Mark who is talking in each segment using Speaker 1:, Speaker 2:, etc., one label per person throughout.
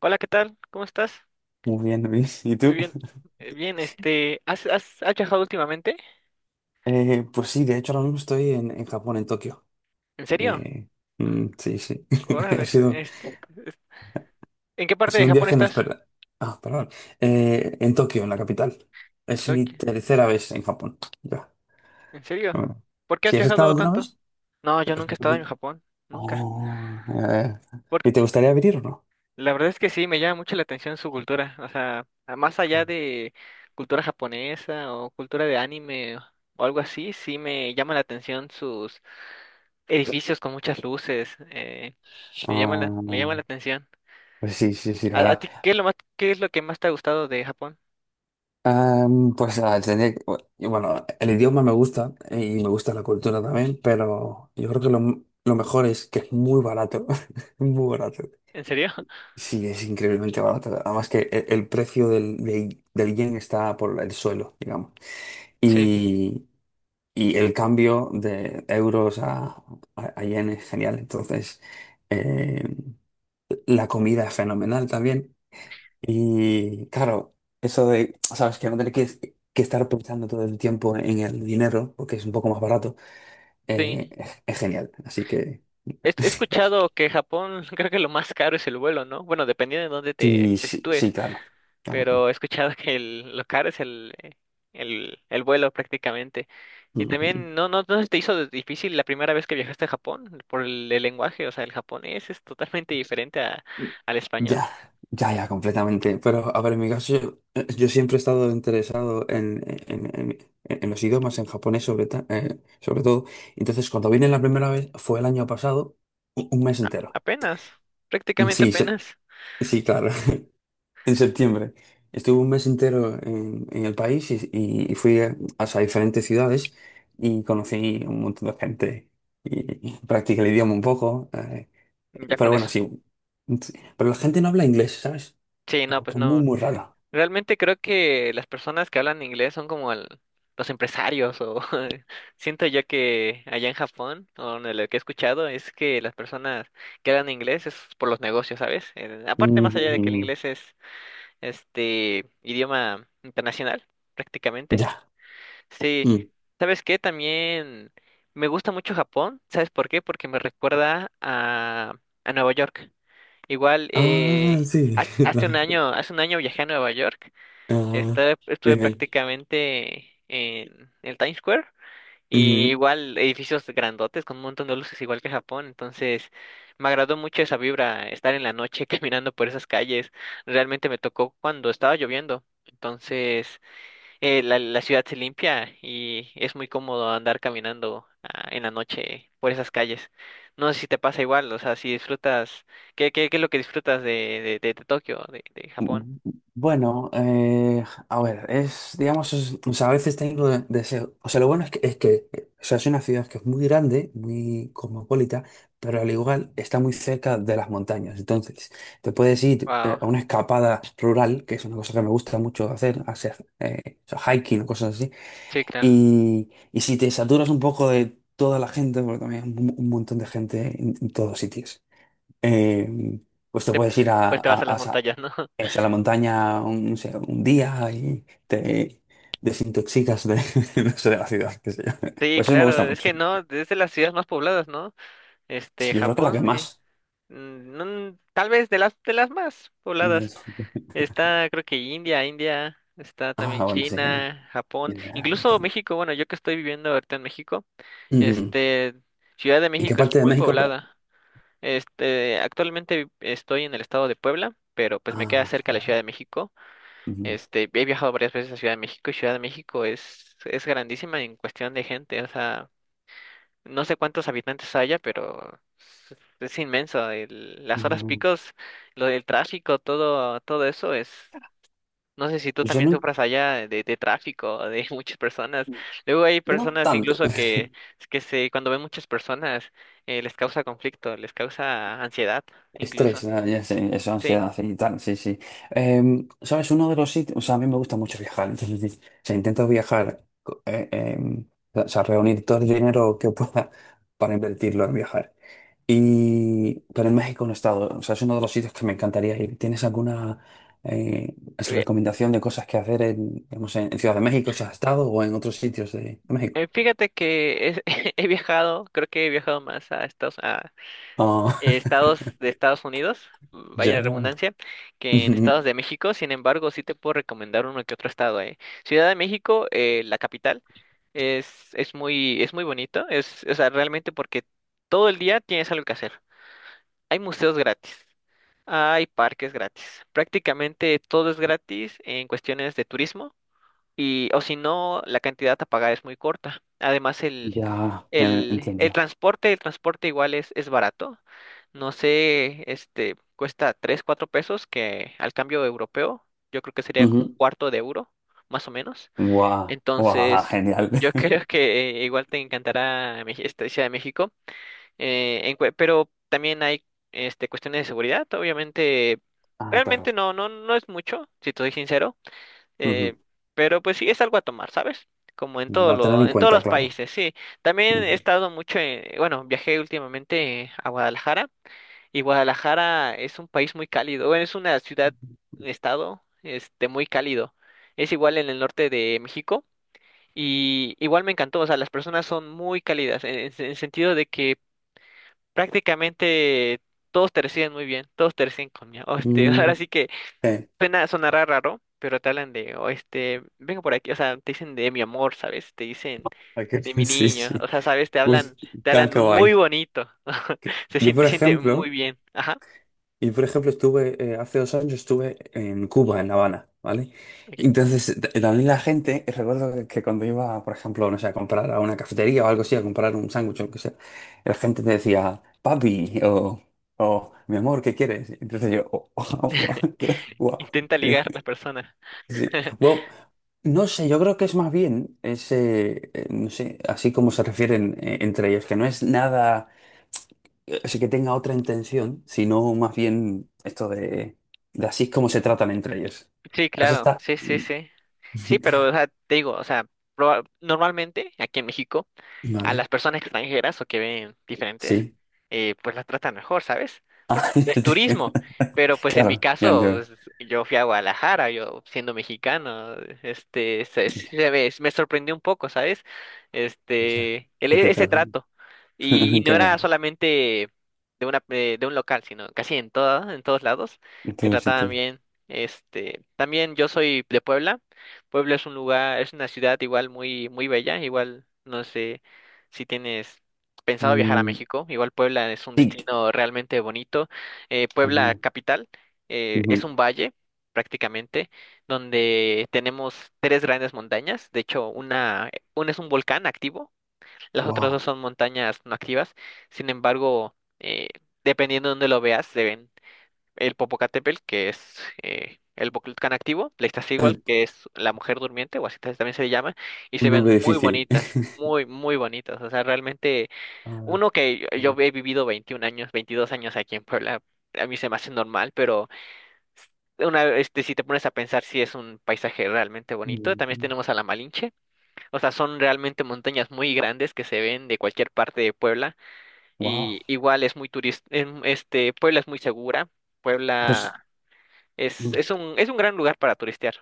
Speaker 1: Hola, ¿qué tal? ¿Cómo estás?
Speaker 2: Muy bien, Luis. ¿Y tú?
Speaker 1: Muy bien. Bien, ¿has viajado últimamente?
Speaker 2: Pues sí, de hecho ahora mismo estoy en Japón, en Tokio.
Speaker 1: ¿En serio?
Speaker 2: Eh, sí, sí.
Speaker 1: Órale,
Speaker 2: Ha sido,
Speaker 1: es- ¿en qué
Speaker 2: ha
Speaker 1: parte de
Speaker 2: sido un
Speaker 1: Japón
Speaker 2: viaje
Speaker 1: estás?
Speaker 2: inesperado. Ah, perdón. En Tokio, en la capital.
Speaker 1: En
Speaker 2: Es mi
Speaker 1: Tokio.
Speaker 2: tercera vez en Japón. Ya.
Speaker 1: ¿En serio?
Speaker 2: Bueno.
Speaker 1: ¿Por qué has
Speaker 2: ¿Si has estado
Speaker 1: viajado
Speaker 2: alguna
Speaker 1: tanto?
Speaker 2: vez?
Speaker 1: No, yo nunca he estado en Japón, nunca.
Speaker 2: Oh, eh,
Speaker 1: Por-
Speaker 2: ¿y te gustaría venir o no?
Speaker 1: la verdad es que sí, me llama mucho la atención su cultura, o sea, más allá de cultura japonesa o cultura de anime o algo así, sí me llama la atención sus edificios con muchas luces,
Speaker 2: Ah,
Speaker 1: me llama la atención.
Speaker 2: pues sí, sí, sí, la
Speaker 1: ¿A
Speaker 2: verdad.
Speaker 1: ti qué es lo más, qué es lo que más te ha gustado de Japón?
Speaker 2: Am, pues ah, tendría que- Y bueno, el idioma me gusta, y me gusta la cultura también, pero yo creo que lo mejor es que es muy barato, muy barato.
Speaker 1: ¿En serio?
Speaker 2: Sí, es increíblemente barato. Además que precio del yen está por el suelo, digamos.
Speaker 1: Sí,
Speaker 2: Y, y el cambio de euros a yen es genial. Entonces, eh, la comida es fenomenal también. Y claro, eso de, sabes, que no tener que estar pensando todo el tiempo en el dinero, porque es un poco más barato,
Speaker 1: sí.
Speaker 2: es genial. Así que
Speaker 1: He
Speaker 2: es-
Speaker 1: escuchado que Japón, creo que lo más caro es el vuelo, ¿no? Bueno, dependiendo de dónde te,
Speaker 2: sí,
Speaker 1: te
Speaker 2: sí, sí,
Speaker 1: sitúes,
Speaker 2: claro. Claro,
Speaker 1: pero
Speaker 2: claro.
Speaker 1: he escuchado que lo caro es el vuelo prácticamente. Y
Speaker 2: Ujú.
Speaker 1: también, ¿no se te hizo difícil la primera vez que viajaste a Japón por el lenguaje? O sea, el japonés es totalmente diferente al español.
Speaker 2: Ya, ya, ya, completamente. Pero, a ver, en mi caso, yo siempre he estado interesado en los idiomas, en japonés sobre todo. Entonces, cuando vine la primera vez, fue el año pasado, un mes entero.
Speaker 1: Apenas, prácticamente
Speaker 2: Sí, sí,
Speaker 1: apenas,
Speaker 2: sí, claro, en septiembre. Estuve un mes entero en el país, y fui a diferentes ciudades, y conocí un montón de gente, y practiqué el idioma un poco.
Speaker 1: ya
Speaker 2: Pero
Speaker 1: con
Speaker 2: bueno,
Speaker 1: eso.
Speaker 2: sí. Pero la gente no habla inglés, ¿sabes?
Speaker 1: Sí,
Speaker 2: Es
Speaker 1: no,
Speaker 2: algo
Speaker 1: pues
Speaker 2: que es muy,
Speaker 1: no.
Speaker 2: muy raro.
Speaker 1: Realmente creo que las personas que hablan inglés son como los empresarios o siento yo que allá en Japón o de lo que he escuchado es que las personas que hablan inglés es por los negocios, ¿sabes? Aparte más allá de que el
Speaker 2: Mm,
Speaker 1: inglés es este idioma internacional prácticamente.
Speaker 2: ya.
Speaker 1: Sí,
Speaker 2: Mm.
Speaker 1: ¿sabes qué? También me gusta mucho Japón, ¿sabes por qué? Porque me recuerda a Nueva York. Igual
Speaker 2: Ah, sí.
Speaker 1: hace un año viajé a Nueva York
Speaker 2: Ah,
Speaker 1: estuve
Speaker 2: bien.
Speaker 1: prácticamente en el Times Square y igual edificios grandotes con un montón de luces igual que Japón, entonces me agradó mucho esa vibra, estar en la noche caminando por esas calles, realmente me tocó cuando estaba lloviendo, entonces la ciudad se limpia y es muy cómodo andar caminando en la noche por esas calles. No sé si te pasa igual, o sea, si disfrutas, ¿qué es lo que disfrutas de Tokio, de Japón?
Speaker 2: Mm, bueno, a ver, es, digamos, o sea, a veces tengo deseo. O sea, lo bueno es que, o sea, es una ciudad que es muy grande, muy cosmopolita, pero al igual está muy cerca de las montañas. Entonces, te puedes ir,
Speaker 1: Wow,
Speaker 2: a una escapada rural, que es una cosa que me gusta mucho hacer, o sea, hiking o cosas así.
Speaker 1: sí, claro.
Speaker 2: Y si te saturas un poco de toda la gente, porque también hay un montón de gente en todos sitios, eh, pues te
Speaker 1: te-
Speaker 2: puedes ir a,
Speaker 1: pues te vas a las montañas, ¿no?
Speaker 2: eso, a la montaña un, no sé, un día, y te desintoxicas no sé, de la ciudad, qué sé yo.
Speaker 1: Sí,
Speaker 2: Pues eso me
Speaker 1: claro,
Speaker 2: gusta
Speaker 1: es que
Speaker 2: mucho.
Speaker 1: no, es de las ciudades más pobladas, ¿no?
Speaker 2: Yo creo que la que
Speaker 1: Japón, que,
Speaker 2: más.
Speaker 1: no, tal vez de las más pobladas. Está, creo que India, está también
Speaker 2: Ah, bueno, sí.
Speaker 1: China, Japón,
Speaker 2: Ya,
Speaker 1: incluso
Speaker 2: entonces.
Speaker 1: México, bueno, yo que estoy viviendo ahorita en México,
Speaker 2: Ujú.
Speaker 1: este, Ciudad de
Speaker 2: ¿En qué
Speaker 1: México es
Speaker 2: parte de
Speaker 1: muy
Speaker 2: México? Pero...
Speaker 1: poblada. Actualmente estoy en el estado de Puebla, pero pues me queda
Speaker 2: Ah,
Speaker 1: cerca la
Speaker 2: vale.
Speaker 1: Ciudad de México.
Speaker 2: Ujú.
Speaker 1: He viajado varias veces a Ciudad de México y Ciudad de México es grandísima en cuestión de gente. O sea, no sé cuántos habitantes haya, pero es, es inmenso. Las horas
Speaker 2: Mm,
Speaker 1: picos, lo del tráfico, todo, todo eso es. No sé si tú
Speaker 2: pues yo
Speaker 1: también
Speaker 2: no,
Speaker 1: sufras allá de tráfico, de muchas personas. Luego hay
Speaker 2: no
Speaker 1: personas
Speaker 2: tanto.
Speaker 1: incluso cuando ven muchas personas, les causa conflicto, les causa ansiedad, incluso.
Speaker 2: Estrés, ah, ya sé, eso,
Speaker 1: Sí.
Speaker 2: ansiedad y tal, sí, sí. ¿Sabes? Uno de los sitios, o sea, a mí me gusta mucho viajar, entonces, o sea, intento viajar, o sea, reunir todo el dinero que pueda para invertirlo en viajar. Y, pero en México no he estado, o sea, es uno de los sitios que me encantaría ir. ¿Tienes alguna, eh,
Speaker 1: eh,
Speaker 2: recomendación de cosas que hacer en, digamos, en Ciudad de México, si has estado, o en otros sitios de México?
Speaker 1: Fíjate que creo que he viajado más a
Speaker 2: Ah,
Speaker 1: estados de Estados Unidos,
Speaker 2: ya,
Speaker 1: vaya
Speaker 2: ya.
Speaker 1: redundancia, que en
Speaker 2: Ujú,
Speaker 1: estados de México. Sin embargo, sí te puedo recomendar uno que otro estado. Ciudad de México, la capital, es muy bonito, o sea, realmente porque todo el día tienes algo que hacer. Hay museos gratis, hay parques gratis, prácticamente todo es gratis en cuestiones de turismo y o si no, la cantidad a pagar es muy corta. Además,
Speaker 2: ya, ya, entiendo.
Speaker 1: el transporte igual es barato. No sé, cuesta 3 4 pesos, que al cambio europeo, yo creo que sería como un cuarto de euro, más o menos.
Speaker 2: Guau, guau,
Speaker 1: Entonces,
Speaker 2: genial.
Speaker 1: yo creo que igual te encantará esta Ciudad de México. Pero también hay cuestiones de seguridad, obviamente.
Speaker 2: Ah,
Speaker 1: Realmente
Speaker 2: claro.
Speaker 1: no es mucho, si te soy sincero. Eh,
Speaker 2: Ujú.
Speaker 1: pero pues sí, es algo a tomar, ¿sabes? Como
Speaker 2: Va a tener en
Speaker 1: en todos
Speaker 2: cuenta,
Speaker 1: los
Speaker 2: claro.
Speaker 1: países, sí. También he
Speaker 2: Ujú.
Speaker 1: estado mucho bueno, viajé últimamente a Guadalajara y Guadalajara es un país muy cálido, bueno, es una ciudad, un estado, muy cálido. Es igual en el norte de México y igual me encantó, o sea, las personas son muy cálidas en el sentido de que prácticamente todos te reciben muy bien, todos te reciben con, ahora
Speaker 2: Mm,
Speaker 1: sí que
Speaker 2: eh,
Speaker 1: Sonará raro, pero te hablan de, o vengo por aquí, o sea, te dicen de mi amor, ¿sabes? Te dicen
Speaker 2: ok,
Speaker 1: de mi
Speaker 2: sí,
Speaker 1: niño, o
Speaker 2: sí.
Speaker 1: sea, ¿sabes?
Speaker 2: Uy,
Speaker 1: Te
Speaker 2: qué
Speaker 1: hablan
Speaker 2: qué
Speaker 1: muy
Speaker 2: guay.
Speaker 1: bonito,
Speaker 2: Yo, por
Speaker 1: siente muy
Speaker 2: ejemplo,
Speaker 1: bien, ajá,
Speaker 2: estuve, hace 2 años estuve en Cuba, en La Habana, ¿vale?
Speaker 1: ok.
Speaker 2: Entonces, t- también la gente, recuerdo que cuando iba, por ejemplo, no sé, a comprar a una cafetería o algo así, a comprar un sándwich o lo que sea, la gente te decía, papi, o mi amor, ¿qué quieres? Entonces yo, oh, wow,
Speaker 1: Intenta ligar
Speaker 2: qué...
Speaker 1: la persona.
Speaker 2: Sí. Bueno, no sé, yo creo que es más bien ese, no sé, así como se refieren, entre ellos, que no es nada, así que tenga otra intención, sino más bien esto de así es como se tratan entre ellos.
Speaker 1: Sí,
Speaker 2: Así
Speaker 1: claro,
Speaker 2: está.
Speaker 1: sí, sí, sí. Sí, pero, o sea, te digo, o sea, normalmente aquí en México, a
Speaker 2: Vale,
Speaker 1: las personas extranjeras o que ven diferentes,
Speaker 2: sí.
Speaker 1: pues las tratan mejor, ¿sabes? Porque
Speaker 2: Ah,
Speaker 1: es turismo. Pero pues en mi
Speaker 2: claro, ya
Speaker 1: caso,
Speaker 2: entiendo.
Speaker 1: pues, yo fui a Guadalajara, yo siendo mexicano, me sorprendió un poco, ¿sabes?
Speaker 2: Ya,
Speaker 1: Este, el,
Speaker 2: que
Speaker 1: e-
Speaker 2: te
Speaker 1: ese
Speaker 2: tratan.
Speaker 1: trato. Y no
Speaker 2: Qué
Speaker 1: era
Speaker 2: bueno,
Speaker 1: solamente de un local, sino casi en todos lados,
Speaker 2: en
Speaker 1: me
Speaker 2: todos los
Speaker 1: trataban
Speaker 2: sitios.
Speaker 1: bien. También yo soy de Puebla. Puebla es una ciudad igual muy, muy bella, igual, no sé, si tienes pensado viajar a
Speaker 2: Mm,
Speaker 1: México, igual Puebla es un
Speaker 2: tic.
Speaker 1: destino realmente bonito. Puebla
Speaker 2: Peinado.
Speaker 1: capital es
Speaker 2: Ujú.
Speaker 1: un valle prácticamente donde tenemos tres grandes montañas. De hecho, una es un volcán activo, las otras
Speaker 2: Wow,
Speaker 1: dos son montañas no activas. Sin embargo, dependiendo de dónde lo veas, se ven el Popocatépetl, que es el Volcán activo, la Iztaccíhuatl, que es la mujer durmiente, o así también se le llama, y
Speaker 2: un
Speaker 1: se ven
Speaker 2: nombre
Speaker 1: muy
Speaker 2: difícil.
Speaker 1: bonitas, muy, muy bonitas. O sea, realmente,
Speaker 2: Ahora.
Speaker 1: uno que yo he vivido 21 años, 22 años aquí en Puebla, a mí se me hace normal, pero si te pones a pensar si es un paisaje realmente bonito, también tenemos a la Malinche, o sea, son realmente montañas muy grandes que se ven de cualquier parte de Puebla
Speaker 2: Wow.
Speaker 1: y igual es muy turista, Puebla es muy segura,
Speaker 2: Pues,
Speaker 1: Puebla
Speaker 2: o
Speaker 1: es un gran lugar para turistear.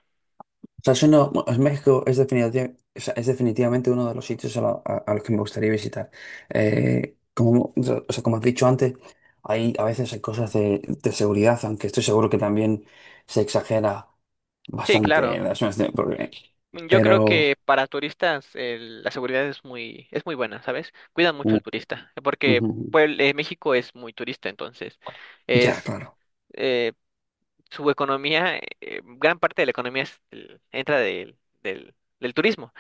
Speaker 2: sea, es uno, bueno, es, México es, o sea, es definitivamente uno de los sitios a los que me gustaría visitar. Como, o sea, como has dicho antes, a veces hay cosas de seguridad, aunque estoy seguro que también se exagera
Speaker 1: Sí,
Speaker 2: bastante en
Speaker 1: claro.
Speaker 2: las zonas de... porque...
Speaker 1: Yo creo
Speaker 2: Pero,
Speaker 1: que para turistas la seguridad es muy, buena, ¿sabes? Cuidan mucho
Speaker 2: Uh,
Speaker 1: al turista, porque
Speaker 2: ujú,
Speaker 1: pues, México es muy turista, entonces
Speaker 2: ya,
Speaker 1: es
Speaker 2: claro.
Speaker 1: eh, su economía, gran parte de la economía entra del, del turismo,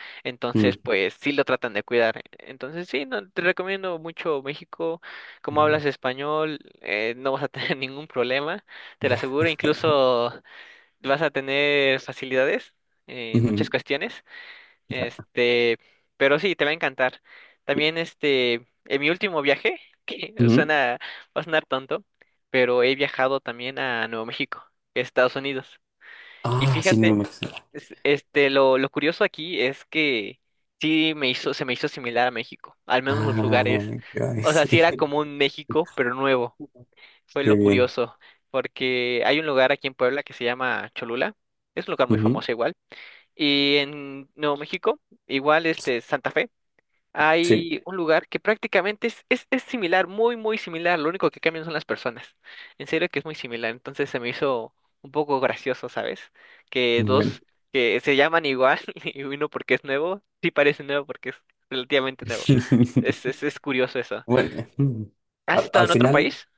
Speaker 2: Mm,
Speaker 1: entonces pues sí lo tratan de cuidar. Entonces sí, no, te recomiendo mucho México, como
Speaker 2: Muy bueno.
Speaker 1: hablas español, no vas a tener ningún problema, te lo
Speaker 2: Ya,
Speaker 1: aseguro, incluso vas a tener facilidades en muchas
Speaker 2: ujú,
Speaker 1: cuestiones.
Speaker 2: ya.
Speaker 1: Este, pero sí, te va a encantar.
Speaker 2: Y...
Speaker 1: También, en mi último viaje, que
Speaker 2: ujú.
Speaker 1: suena, va a sonar tonto, pero he viajado también a Nuevo México, Estados Unidos. Y
Speaker 2: Ah, sí, no
Speaker 1: fíjate,
Speaker 2: me...
Speaker 1: lo curioso aquí es que se me hizo similar a México, al menos los
Speaker 2: Ah,
Speaker 1: lugares.
Speaker 2: ay,
Speaker 1: O sea,
Speaker 2: sí.
Speaker 1: sí era como un México, pero nuevo fue
Speaker 2: Qué
Speaker 1: lo
Speaker 2: bien.
Speaker 1: curioso, porque hay un lugar aquí en Puebla que se llama Cholula, es un lugar muy
Speaker 2: Ujú.
Speaker 1: famoso igual, y en Nuevo México, igual este Santa Fe,
Speaker 2: Sí.
Speaker 1: hay un lugar que prácticamente es similar, muy, muy similar, lo único que cambian son las personas, en serio que es muy similar, entonces se me hizo un poco gracioso, ¿sabes? Que
Speaker 2: Bueno,
Speaker 1: dos que se llaman igual y uno porque es nuevo, sí parece nuevo porque es relativamente nuevo. Es, es, es curioso eso.
Speaker 2: bueno, mm,
Speaker 1: ¿Has
Speaker 2: al,
Speaker 1: estado
Speaker 2: al
Speaker 1: en otro
Speaker 2: final,
Speaker 1: país?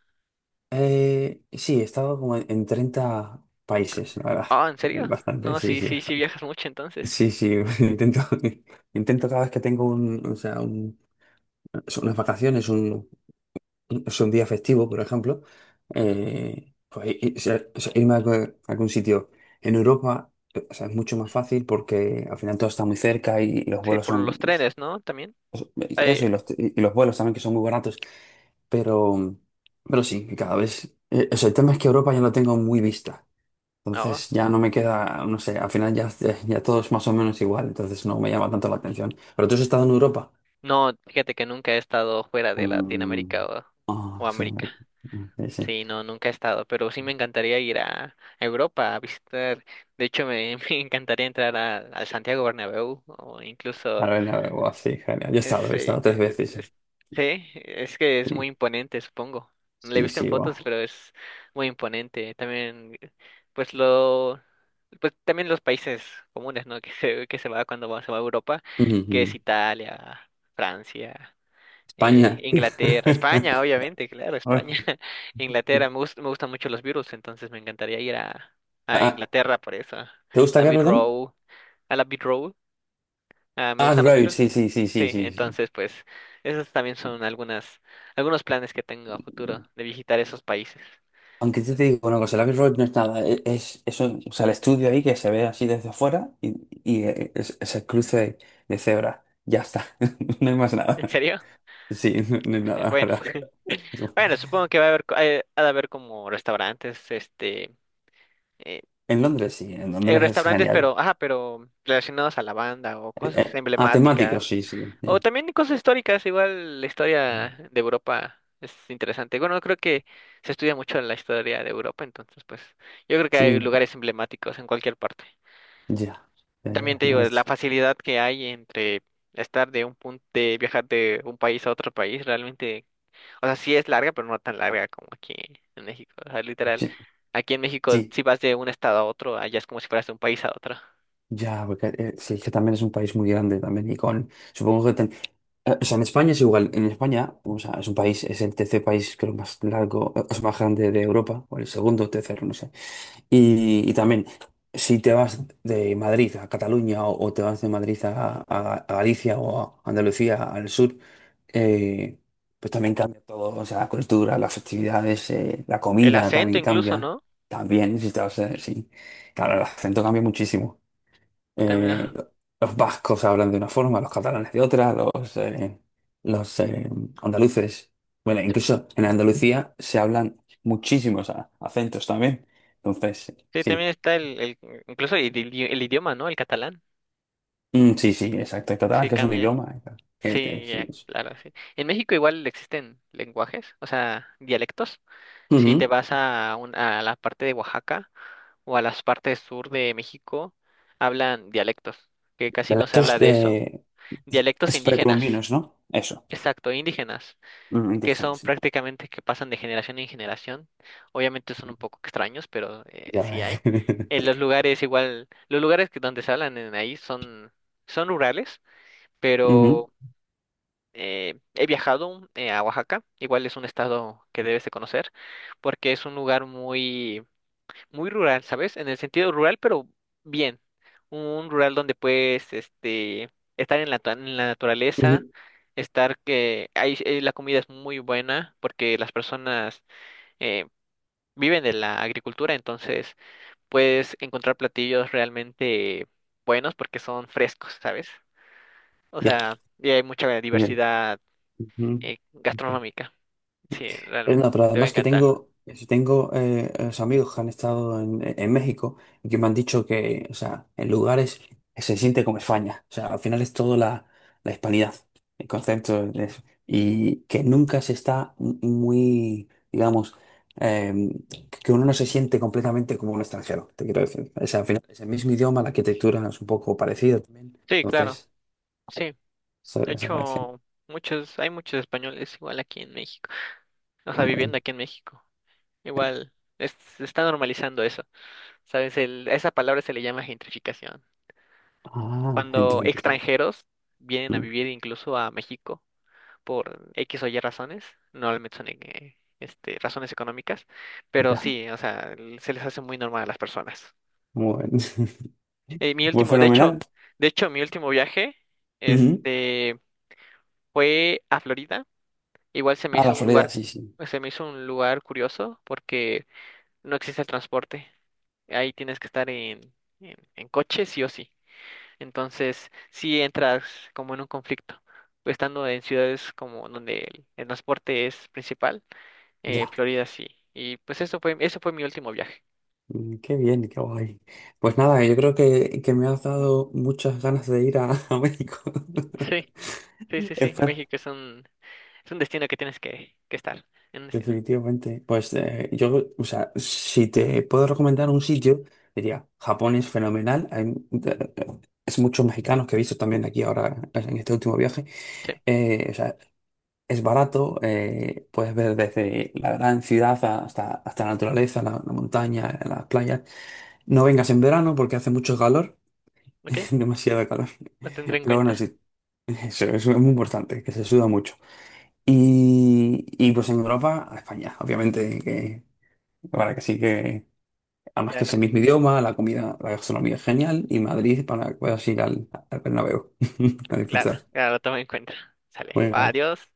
Speaker 2: sí, he estado como en 30 países, la verdad.
Speaker 1: Ah, ¿en serio? No, sí, sí, sí
Speaker 2: Bastante.
Speaker 1: viajas mucho entonces.
Speaker 2: Sí, sí, intento cada vez que tengo un, o sea, un... son unas vacaciones, un, es un día festivo, por ejemplo,
Speaker 1: Ujú.
Speaker 2: irme a algún, a algún sitio. En Europa, o sea, es mucho más fácil porque al final todo está muy cerca y los
Speaker 1: Sí,
Speaker 2: vuelos
Speaker 1: por
Speaker 2: son,
Speaker 1: los trenes, ¿no? También. Ay,
Speaker 2: eso, y los vuelos también que son muy baratos. Pero, pero sí, cada vez, o sea, el tema es que Europa ya lo tengo muy vista.
Speaker 1: ah,
Speaker 2: Entonces ya no me queda, no sé, al final ya, ya todo es más o menos igual, entonces no me llama tanto la atención. Pero tú has estado en Europa.
Speaker 1: no, fíjate que nunca he estado fuera de Latinoamérica
Speaker 2: Mm,
Speaker 1: o
Speaker 2: ah, sí,
Speaker 1: América.
Speaker 2: sí, sí.
Speaker 1: Sí, no, nunca he estado, pero sí me encantaría ir a Europa a visitar. De hecho, me encantaría entrar al Santiago Bernabéu o incluso
Speaker 2: A ver, guau, sí, genial. Yo
Speaker 1: Es,
Speaker 2: he
Speaker 1: eh,
Speaker 2: estado tres veces. Sí,
Speaker 1: es- sí, es que es muy
Speaker 2: sí,
Speaker 1: imponente, supongo. No le he
Speaker 2: sí,
Speaker 1: visto en
Speaker 2: sí, guau.
Speaker 1: fotos, pero es muy imponente. También, pues lo, pues también los países comunes, ¿no? Que se va se va a Europa,
Speaker 2: Ujú,
Speaker 1: que
Speaker 2: ujú.
Speaker 1: es Italia, Francia,
Speaker 2: España, tío.
Speaker 1: Inglaterra, España, obviamente, claro,
Speaker 2: Ay,
Speaker 1: España,
Speaker 2: sí.
Speaker 1: Inglaterra. Me gustan mucho los Beatles, entonces me encantaría ir a
Speaker 2: Ah,
Speaker 1: Inglaterra por eso.
Speaker 2: ¿te gusta
Speaker 1: La
Speaker 2: acá,
Speaker 1: Beat
Speaker 2: perdón?
Speaker 1: Row, a la Beat Ah, me
Speaker 2: Ah, The
Speaker 1: gustan los
Speaker 2: Road,
Speaker 1: Beatles.
Speaker 2: sí, sí, sí, sí,
Speaker 1: Sí,
Speaker 2: sí, sí.
Speaker 1: entonces pues esos también son algunas, algunos planes que tengo a futuro de visitar esos países.
Speaker 2: Aunque yo te digo una cosa, el Abbey Road no es nada, es eso, o sea, el estudio ahí que se ve así desde afuera y es el cruce de cebra, ya está, no hay más nada.
Speaker 1: ¿En serio?
Speaker 2: Sí, no, no hay nada
Speaker 1: Bueno,
Speaker 2: ahora.
Speaker 1: bueno, supongo que va a haber, co- ha de haber como restaurantes, eh,
Speaker 2: En Londres sí, en Londres es genial.
Speaker 1: pero, ajá, pero relacionados a la banda o cosas
Speaker 2: Ah, temático,
Speaker 1: emblemáticas
Speaker 2: sí, sí,
Speaker 1: o
Speaker 2: sí.
Speaker 1: también cosas históricas. Igual la historia de Europa es interesante. Bueno, creo que se estudia mucho la historia de Europa, entonces pues yo creo que
Speaker 2: Sí,
Speaker 1: hay lugares emblemáticos en cualquier parte.
Speaker 2: ya.
Speaker 1: También te digo,
Speaker 2: No
Speaker 1: es la
Speaker 2: es-
Speaker 1: facilidad que hay entre estar de un punto de viajar de un país a otro país, realmente, o sea, sí es larga, pero no tan larga como aquí en México, o sea, literal,
Speaker 2: Sí,
Speaker 1: aquí en México
Speaker 2: sí.
Speaker 1: si vas de un estado a otro, allá es como si fueras de un país a otro.
Speaker 2: Ya, porque sí, es que también es un país muy grande también y con, supongo que, o sea, en España es igual, en España, o sea, es un país, es el tercer país creo más largo, es más grande de Europa, o el segundo o tercero, no sé. Y también, si te vas de Madrid a Cataluña, o te vas de Madrid a, a Galicia o a Andalucía al sur, eh, pues también cambia todo, o sea, la cultura, las festividades, la
Speaker 1: El
Speaker 2: comida
Speaker 1: acento
Speaker 2: también
Speaker 1: incluso,
Speaker 2: cambia,
Speaker 1: ¿no?
Speaker 2: también, si te vas a, sí, claro, el acento cambia muchísimo,
Speaker 1: También,
Speaker 2: eh, los vascos hablan de una forma, los catalanes de otra, los andaluces. Bueno, incluso en Andalucía se hablan muchísimos acentos también. Entonces,
Speaker 1: sí, también
Speaker 2: sí.
Speaker 1: está el incluso el idioma, ¿no? El catalán,
Speaker 2: Mm, sí, sí, exacto. El catalán,
Speaker 1: sí
Speaker 2: que es un
Speaker 1: cambia.
Speaker 2: idioma, que
Speaker 1: Sí,
Speaker 2: sí,
Speaker 1: ya,
Speaker 2: es...
Speaker 1: claro, sí. En México igual existen lenguajes, o sea, dialectos. Si te
Speaker 2: Ujú.
Speaker 1: vas a la parte de Oaxaca o a las partes sur de México, hablan dialectos, que casi no se habla
Speaker 2: Estos
Speaker 1: de eso.
Speaker 2: de,
Speaker 1: Dialectos
Speaker 2: es
Speaker 1: indígenas,
Speaker 2: precolombinos, ¿no? Eso.
Speaker 1: exacto, indígenas,
Speaker 2: Mm,
Speaker 1: que
Speaker 2: indígenas,
Speaker 1: son
Speaker 2: sí.
Speaker 1: prácticamente que pasan de generación en generación. Obviamente son un poco extraños, pero
Speaker 2: Ya.
Speaker 1: sí hay. En los lugares igual, los lugares que donde se hablan en ahí son rurales,
Speaker 2: Ujú,
Speaker 1: pero he viajado a Oaxaca, igual es un estado que debes de conocer, porque es un lugar muy muy rural, ¿sabes? En el sentido rural, pero bien. Un rural donde puedes, estar en la naturaleza,
Speaker 2: ujú.
Speaker 1: estar que ahí, la comida es muy buena porque las personas eh, viven de la agricultura, entonces puedes encontrar platillos realmente buenos porque son frescos, ¿sabes? O
Speaker 2: Ya.
Speaker 1: sea, y hay mucha
Speaker 2: Bien.
Speaker 1: diversidad
Speaker 2: Ujú.
Speaker 1: gastronómica. Sí, realmente,
Speaker 2: No, pero
Speaker 1: te va a
Speaker 2: además que
Speaker 1: encantar.
Speaker 2: tengo, si tengo amigos que han estado en México, y que me han dicho que, o sea, en lugares que se siente como España. O sea, al final es todo la hispanidad, el concepto, es... y que nunca se está muy, digamos, eh, que uno no se siente completamente como un extranjero, te quiero decir. O sea, al final es el mismo idioma, la arquitectura es un poco parecida también.
Speaker 1: Sí, claro,
Speaker 2: Entonces,
Speaker 1: sí.
Speaker 2: eso,
Speaker 1: De
Speaker 2: eso me parece
Speaker 1: hecho, hay muchos españoles igual aquí en México, o sea,
Speaker 2: muy
Speaker 1: viviendo
Speaker 2: bien.
Speaker 1: aquí en México. Igual se está normalizando eso, ¿sabes? A esa palabra se le llama gentrificación.
Speaker 2: Ah, gente.
Speaker 1: Cuando extranjeros vienen a
Speaker 2: Mm,
Speaker 1: vivir incluso a México por X o Y razones, normalmente son razones económicas, pero
Speaker 2: ya,
Speaker 1: sí, o sea, se les hace muy normal a las personas.
Speaker 2: muy bien.
Speaker 1: Mi
Speaker 2: Pues
Speaker 1: último,
Speaker 2: fenomenal.
Speaker 1: de hecho, mi último viaje,
Speaker 2: Ujú.
Speaker 1: este, fue a Florida. Igual
Speaker 2: A la Florida, sí, sí.
Speaker 1: se me hizo un lugar curioso porque no existe el transporte. Ahí tienes que estar en coche sí o sí. Entonces, sí entras como en un conflicto. Estando en ciudades como donde el transporte es principal,
Speaker 2: Ya.
Speaker 1: Florida sí. Y pues eso fue mi último viaje.
Speaker 2: Qué bien, qué guay. Pues nada, yo creo que me has dado muchas ganas de ir a México.
Speaker 1: Sí, sí, sí, sí.
Speaker 2: Espera.
Speaker 1: México es es un destino que tienes que estar. En un destino.
Speaker 2: Definitivamente. Pues yo, o sea, si te puedo recomendar un sitio, diría, Japón es fenomenal. Hay, eh, es muchos mexicanos que he visto también aquí ahora en este último viaje.
Speaker 1: Sí.
Speaker 2: O sea, es barato, puedes ver desde la gran ciudad hasta la naturaleza, la montaña, las playas. No vengas en verano porque hace mucho calor,
Speaker 1: ¿Ok?
Speaker 2: demasiado calor.
Speaker 1: Lo tendré en
Speaker 2: Pero bueno,
Speaker 1: cuenta.
Speaker 2: sí, eso es muy importante, que se suda mucho. Y pues en Europa, a España, obviamente, que para que sí que, además que
Speaker 1: Claro,
Speaker 2: es el mismo idioma, la comida, la gastronomía es genial, y Madrid para que puedas ir al Bernabéu a
Speaker 1: claro,
Speaker 2: disfrutar.
Speaker 1: claro, lo tomo en cuenta. Sale. Va,
Speaker 2: Venga.
Speaker 1: adiós.